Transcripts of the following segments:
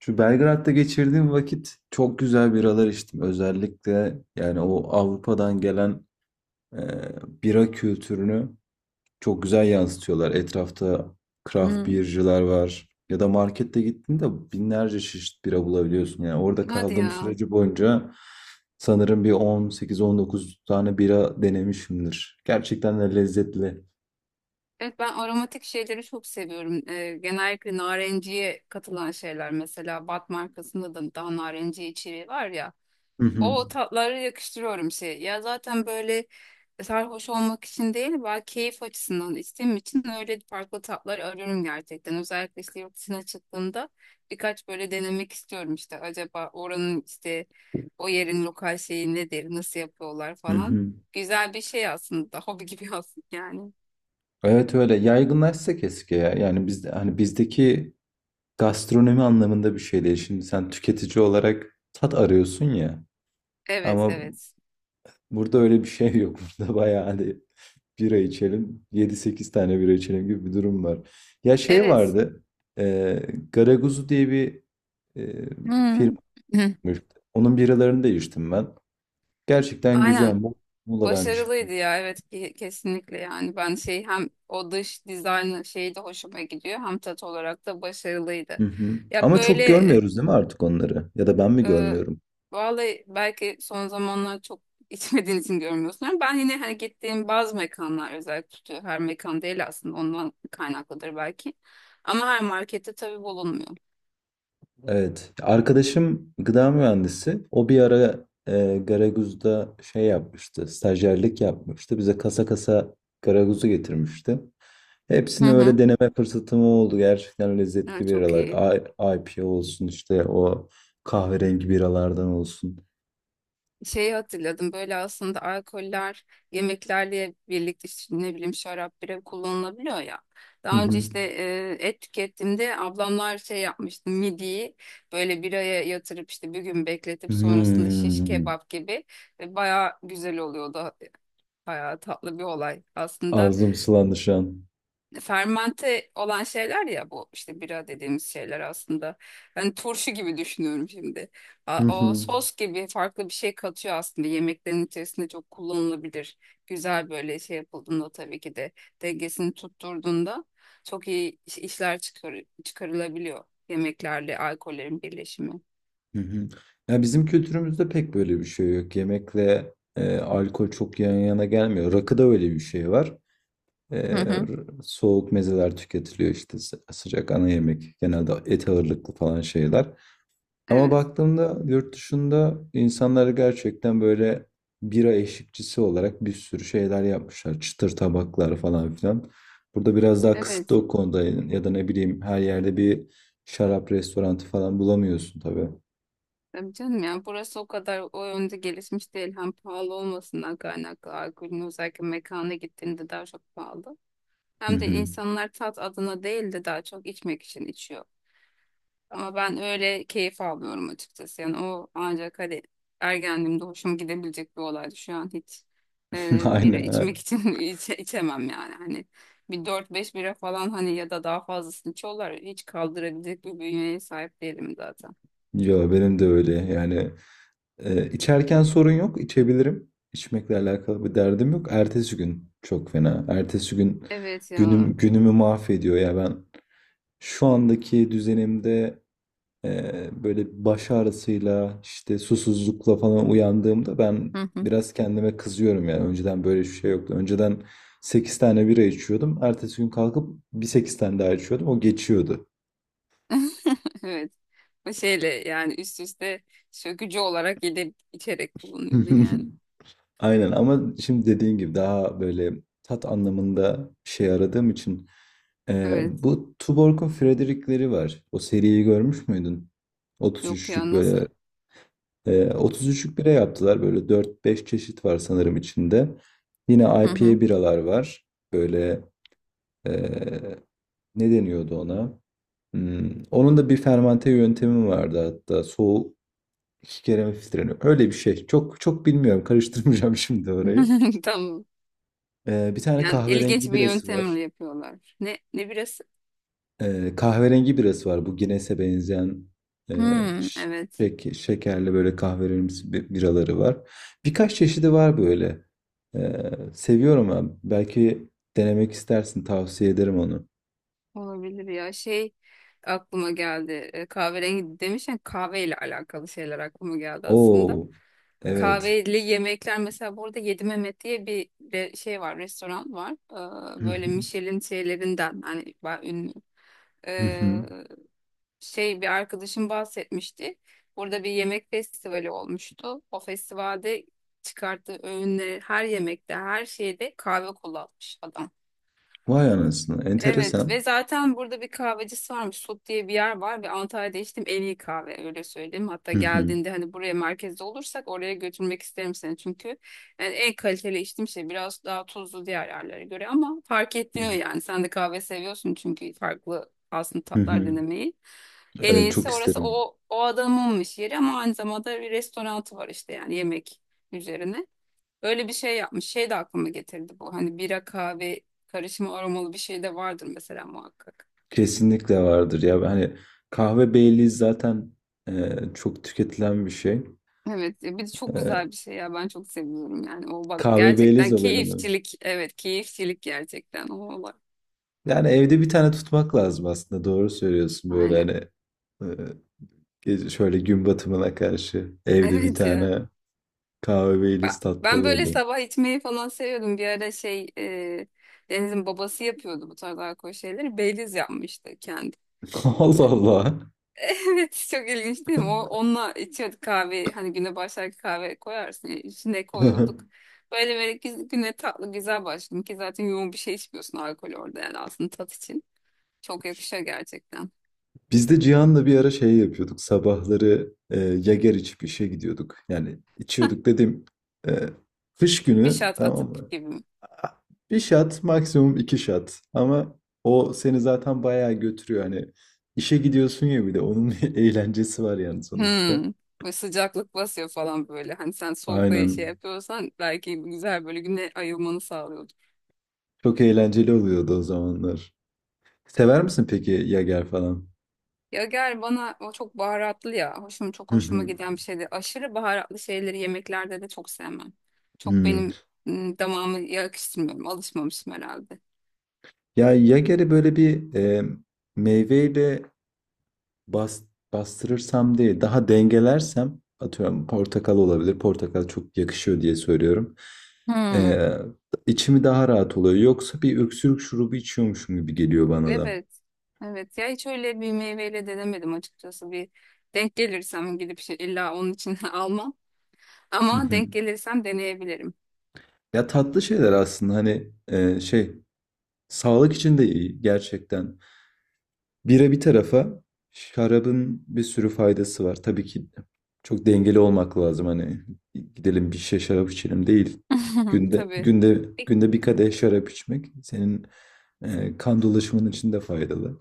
Şu Belgrad'da geçirdiğim vakit çok güzel biralar içtim. Özellikle yani o Avrupa'dan gelen e, bira kültürünü çok güzel yansıtıyorlar. Etrafta craft Hı. beer'cılar var. Ya da markette gittiğinde binlerce çeşit bira bulabiliyorsun. Yani orada Hadi kaldığım ya. süreci boyunca sanırım bir 18-19 tane bira denemişimdir. Gerçekten de lezzetli. Evet, ben aromatik şeyleri çok seviyorum. Genellikle narenciye katılan şeyler, mesela Bat markasında da daha narenciye içeriği var ya. Hı hı. O tatları yakıştırıyorum şey. Ya zaten böyle sarhoş olmak için değil, ben keyif açısından içtiğim için öyle farklı tatlar arıyorum gerçekten. Özellikle işte yurt dışına çıktığımda birkaç böyle denemek istiyorum işte. Acaba oranın işte o yerin lokal şeyi nedir, nasıl yapıyorlar Hı falan. hı. Güzel bir şey aslında, hobi gibi aslında yani. Evet, öyle yaygınlaşsa keşke ya. Yani biz hani bizdeki gastronomi anlamında bir şey değil. Şimdi sen tüketici olarak tat arıyorsun ya. Evet, Ama evet. burada öyle bir şey yok. Burada bayağı hani bira içelim, yedi sekiz tane bira içelim gibi bir durum var. Ya şey Evet. vardı, e, Garaguzu diye bir e, Hmm. firmaymış. Onun biralarını da içtim ben. Gerçekten güzel. Aynen. Muğla'dan çıkma. Başarılıydı ya, evet, kesinlikle. Yani ben şey, hem o dış dizayn şeyi de hoşuma gidiyor, hem tat olarak da başarılıydı. Hı hı. Ya Ama böyle çok görmüyoruz değil mi artık onları? Ya da ben mi e, görmüyorum? vallahi belki son zamanlar çok içmediğin için görmüyorsun ama ben yine hani gittiğim bazı mekanlar özellikle tutuyor. Her mekan değil, aslında ondan kaynaklıdır belki. Ama her markette tabii bulunmuyor. Evet. Arkadaşım gıda mühendisi. O bir ara Garaguz'da şey yapmıştı. Stajyerlik yapmıştı. Bize kasa kasa Garaguz'u getirmişti. Hı Hepsini öyle hı. deneme fırsatım oldu. Gerçekten Evet, lezzetli çok biralar. iyi. I- IPA olsun, işte o kahverengi biralardan olsun. Şeyi hatırladım böyle, aslında alkoller yemeklerle birlikte işte ne bileyim şarap, bira kullanılabiliyor ya. Hı Daha önce hı. işte et tükettiğimde ablamlar şey yapmıştı, midiyi böyle biraya yatırıp işte bir gün bekletip sonrasında şiş Hmm. kebap gibi, ve baya güzel oluyordu. Baya tatlı bir olay aslında, Ağzım sulandı şu an. fermente olan şeyler ya, bu işte bira dediğimiz şeyler aslında. Ben turşu gibi düşünüyorum şimdi. Hı O hı. sos gibi farklı bir şey katıyor, aslında yemeklerin içerisinde çok kullanılabilir. Güzel böyle şey yapıldığında, tabii ki de dengesini tutturduğunda, çok iyi işler çıkar, çıkarılabiliyor yemeklerle alkollerin birleşimi. Hı hı. Ya bizim kültürümüzde pek böyle bir şey yok. Yemekle alkol çok yan yana gelmiyor. Rakıda öyle bir şey var. Hı Ee, hı. Soğuk mezeler tüketiliyor, işte sıcak ana yemek genelde et ağırlıklı falan şeyler. Ama Evet. baktığımda yurt dışında insanlar gerçekten böyle bira eşlikçisi olarak bir sürü şeyler yapmışlar. Çıtır tabaklar falan filan. Burada biraz daha kısıtlı Evet. o konuda, ya da ne bileyim, her yerde bir şarap restoranı falan bulamıyorsun tabii. Tabii canım, yani burası o kadar o yönde gelişmiş değil. Hem pahalı olmasından kaynaklı alkolün, özellikle mekana gittiğinde daha çok pahalı. Hı Hem de hı. insanlar tat adına değil de daha çok içmek için içiyor. Ama ben öyle keyif almıyorum açıkçası. Yani o ancak hani ergenliğimde hoşuma gidebilecek bir olaydı. Şu an hiç bira içmek Aynen. için içemem yani. Hani bir 4-5 bira falan, hani ya da daha fazlasını içiyorlar. Hiç kaldırabilecek bir bünyeye sahip değilim zaten. Yo benim de öyle yani. İçerken sorun yok, içebilirim. İçmekle alakalı bir derdim yok. Ertesi gün çok fena. Ertesi gün Evet ya. günümü mahvediyor ya ben. Şu andaki düzenimde e, böyle baş ağrısıyla, işte susuzlukla falan uyandığımda ben biraz kendime kızıyorum yani. Önceden böyle bir şey yoktu. Önceden 8 tane bira içiyordum. Ertesi gün kalkıp bir 8 tane daha içiyordum. O geçiyordu. Evet. O şeyle yani üst üste sökücü olarak gidip içerek kullanıyordun yani. Aynen, ama şimdi dediğin gibi daha böyle tat anlamında bir şey aradığım için Evet. bu Tuborg'un Frederick'leri var. O seriyi görmüş müydün? Yok 33'lük, ya, nasıl? böyle 33'lük bira yaptılar. Böyle 4-5 çeşit var sanırım içinde. Yine Hı hı. IPA biralar var. Böyle eee, ne deniyordu ona? Onun da bir fermante yöntemi vardı hatta. Soğuk iki kere mi filtreleniyor? Öyle bir şey. Çok çok bilmiyorum. Karıştırmayacağım şimdi orayı. Tamam. Bir tane Yani ilginç kahverengi bir birası var. yöntemle yapıyorlar. Ne birisi? Kahverengi birası var. Bu Guinness'e benzeyen e, Hmm, ş- evet. Şekerli, böyle kahverengi biraları var. Birkaç çeşidi var böyle. Seviyorum ben. Belki denemek istersin. Tavsiye ederim onu. Olabilir ya. Şey aklıma geldi. Kahverengi demişken kahveyle alakalı şeyler aklıma geldi aslında. Oo, evet. Kahveli yemekler, mesela burada Yedi Mehmet diye bir şey var, restoran var. Hı Böyle hı, Michelin şeylerinden hani ünlü. hı Ee, hı. Şey, bir arkadaşım bahsetmişti. Burada bir yemek festivali olmuştu. O festivalde çıkarttığı öğünleri, her yemekte, her şeyde kahve kullanmış adam. Vay anasını. Evet, Enteresan. ve zaten burada bir kahvecisi varmış. Sot diye bir yer var ve Antalya'da içtim en iyi kahve, öyle söyleyeyim. Hatta Hı hı, geldiğinde hani buraya merkezde olursak oraya götürmek isterim seni, çünkü yani en kaliteli içtiğim şey, biraz daha tuzlu diğer yerlere göre ama fark ettiriyor yani. Sen de kahve seviyorsun çünkü farklı aslında hı tatlar hı. denemeyi. En Evet, çok iyisi orası, isterim. o adamınmış yeri, ama aynı zamanda bir restoranı var işte yani yemek üzerine. Öyle bir şey yapmış. Şey de aklıma getirdi bu. Hani bira kahve karışımı aromalı bir şey de vardır mesela muhakkak. Kesinlikle vardır ya. Hani kahve Baileys zaten çok tüketilen bir şey. Evet ya, bir de çok güzel E, bir şey ya, ben çok seviyorum yani o. Bak Kahve Baileys gerçekten olayını mı? keyifçilik, evet, keyifçilik gerçekten o olay. Yani evde bir tane tutmak lazım aslında. Doğru söylüyorsun böyle, Aynen, hani e, şöyle gün batımına karşı evde bir evet ya. tane kahve Baileys tatlı Ben böyle olurdu. sabah içmeyi falan seviyordum bir ara. Şey, Deniz'in babası yapıyordu bu tarz alkol şeyleri. Baileys yapmıştı kendi. Allah Allah. Evet, çok ilginç değil mi? O, onunla içiyorduk kahve. Hani güne başlarken kahve koyarsın, ya, içine koyuyorduk. Böyle böyle güne tatlı, güzel başladım ki, zaten yoğun bir şey içmiyorsun alkol orada, yani aslında tat için. Çok yakışıyor gerçekten. Biz de Cihan'la bir ara şey yapıyorduk. Sabahları Yager içip işe gidiyorduk. Yani içiyorduk dedim. e, Kış Bir günü, şat tamam atıp mı? gibi. Bir shot, maksimum iki shot, ama o seni zaten bayağı götürüyor, hani işe gidiyorsun ya, bir de onun bir eğlencesi var yani sonuçta. Hmm. Böyle sıcaklık basıyor falan böyle. Hani sen soğukta şey Aynen. yapıyorsan, belki güzel böyle güne ayılmanı sağlıyor. Çok eğlenceli oluyordu o zamanlar. Sever misin peki Yager falan? Ya gel, bana o çok baharatlı ya. Hoşum, çok Hı hoşuma hı. giden bir şeydi. Aşırı baharatlı şeyleri yemeklerde de çok sevmem. Çok Hmm. benim damağımı yakıştırmıyorum. Alışmamışım herhalde. Ya, Yager'i böyle bir meyveyle bas, bastırırsam, değil daha dengelersem, atıyorum portakal olabilir. Portakal çok yakışıyor diye söylüyorum. Hmm. Ee, içimi daha rahat oluyor. Yoksa bir öksürük şurubu içiyormuşum gibi geliyor bana da. Evet. Evet ya, hiç öyle bir meyveyle denemedim açıkçası. Bir denk gelirsem gidip şey, illa onun için almam. Hı Ama hı. denk gelirsem deneyebilirim. Ya, tatlı şeyler aslında, hani şey, sağlık için de iyi gerçekten. Bira bir tarafa, şarabın bir sürü faydası var. Tabii ki çok dengeli olmak lazım, hani gidelim bir şişe şarap içelim değil. Günde Tabii. günde günde bir kadeh şarap içmek senin kan dolaşımın için de faydalı.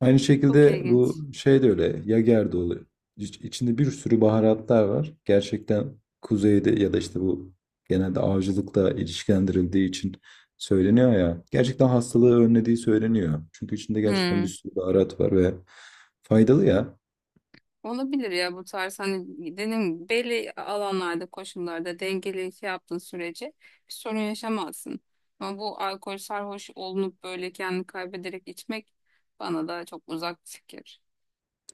Aynı Çok şekilde ilginç. bu şey de öyle. Yager de oluyor. İçinde bir sürü baharatlar var. Gerçekten kuzeyde ya da işte bu genelde avcılıkla ilişkilendirildiği için söyleniyor ya. Gerçekten hastalığı önlediği söyleniyor. Çünkü içinde gerçekten bir Hmm. sürü baharat var ve faydalı ya. Olabilir ya, bu tarz hani dediğim gibi belli alanlarda, koşullarda dengeli şey yaptığın sürece bir sorun yaşamazsın. Ama bu alkol sarhoş olunup böyle kendini kaybederek içmek bana da çok uzak bir fikir.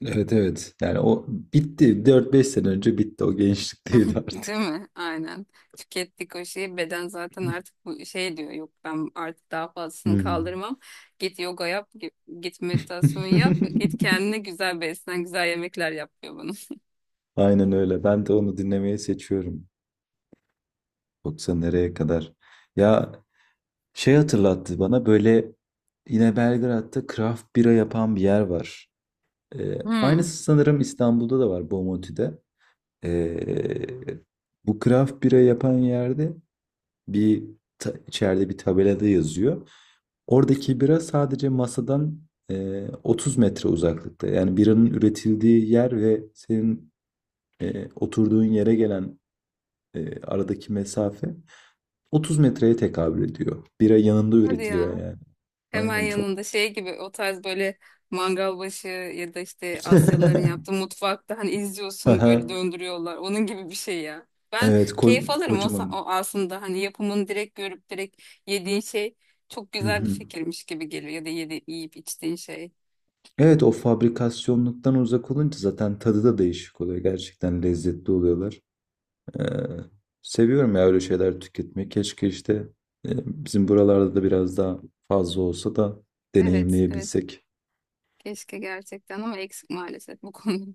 Evet, evet. Yani o bitti. 4-5 sene önce bitti. O gençlikteydi artık. Değil mi? Aynen. Tükettik o şeyi. Beden zaten artık bu şey diyor, yok, ben artık daha fazlasını Hmm. kaldırmam. Git yoga yap, git meditasyon yap, git kendine güzel beslen, güzel yemekler yap, diyor bunu. Aynen öyle. Ben de onu dinlemeyi seçiyorum. Yoksa nereye kadar? Ya, şey hatırlattı bana böyle, yine Belgrad'da craft bira yapan bir yer var. Hmm. Aynısı sanırım İstanbul'da da var, Bomonti'de. Ee, Bu craft bira yapan yerde bir içeride bir tabelada yazıyor. Oradaki bira sadece masadan 30 metre uzaklıkta. Yani biranın üretildiği yer ve senin oturduğun yere gelen aradaki mesafe 30 metreye tekabül ediyor. Bira yanında Hadi üretiliyor ya. yani. Hemen Aynen, çok. yanında şey gibi o tarz, böyle mangal başı ya da işte Asyalıların yaptığı mutfakta hani izliyorsun Aha. böyle, döndürüyorlar. Onun gibi bir şey ya. Ben Evet, keyif alırım o, kocaman. o aslında hani yapımını direkt görüp direkt yediğin şey çok Hı güzel bir hı. fikirmiş gibi geliyor, ya da yiyip içtiğin şey. Evet, o fabrikasyonluktan uzak olunca zaten tadı da değişik oluyor. Gerçekten lezzetli oluyorlar. Ee, Seviyorum ya öyle şeyler tüketmeyi. Keşke işte e, bizim buralarda da biraz daha fazla olsa da Evet, evet. deneyimleyebilsek. Keşke gerçekten, ama eksik maalesef bu konuda.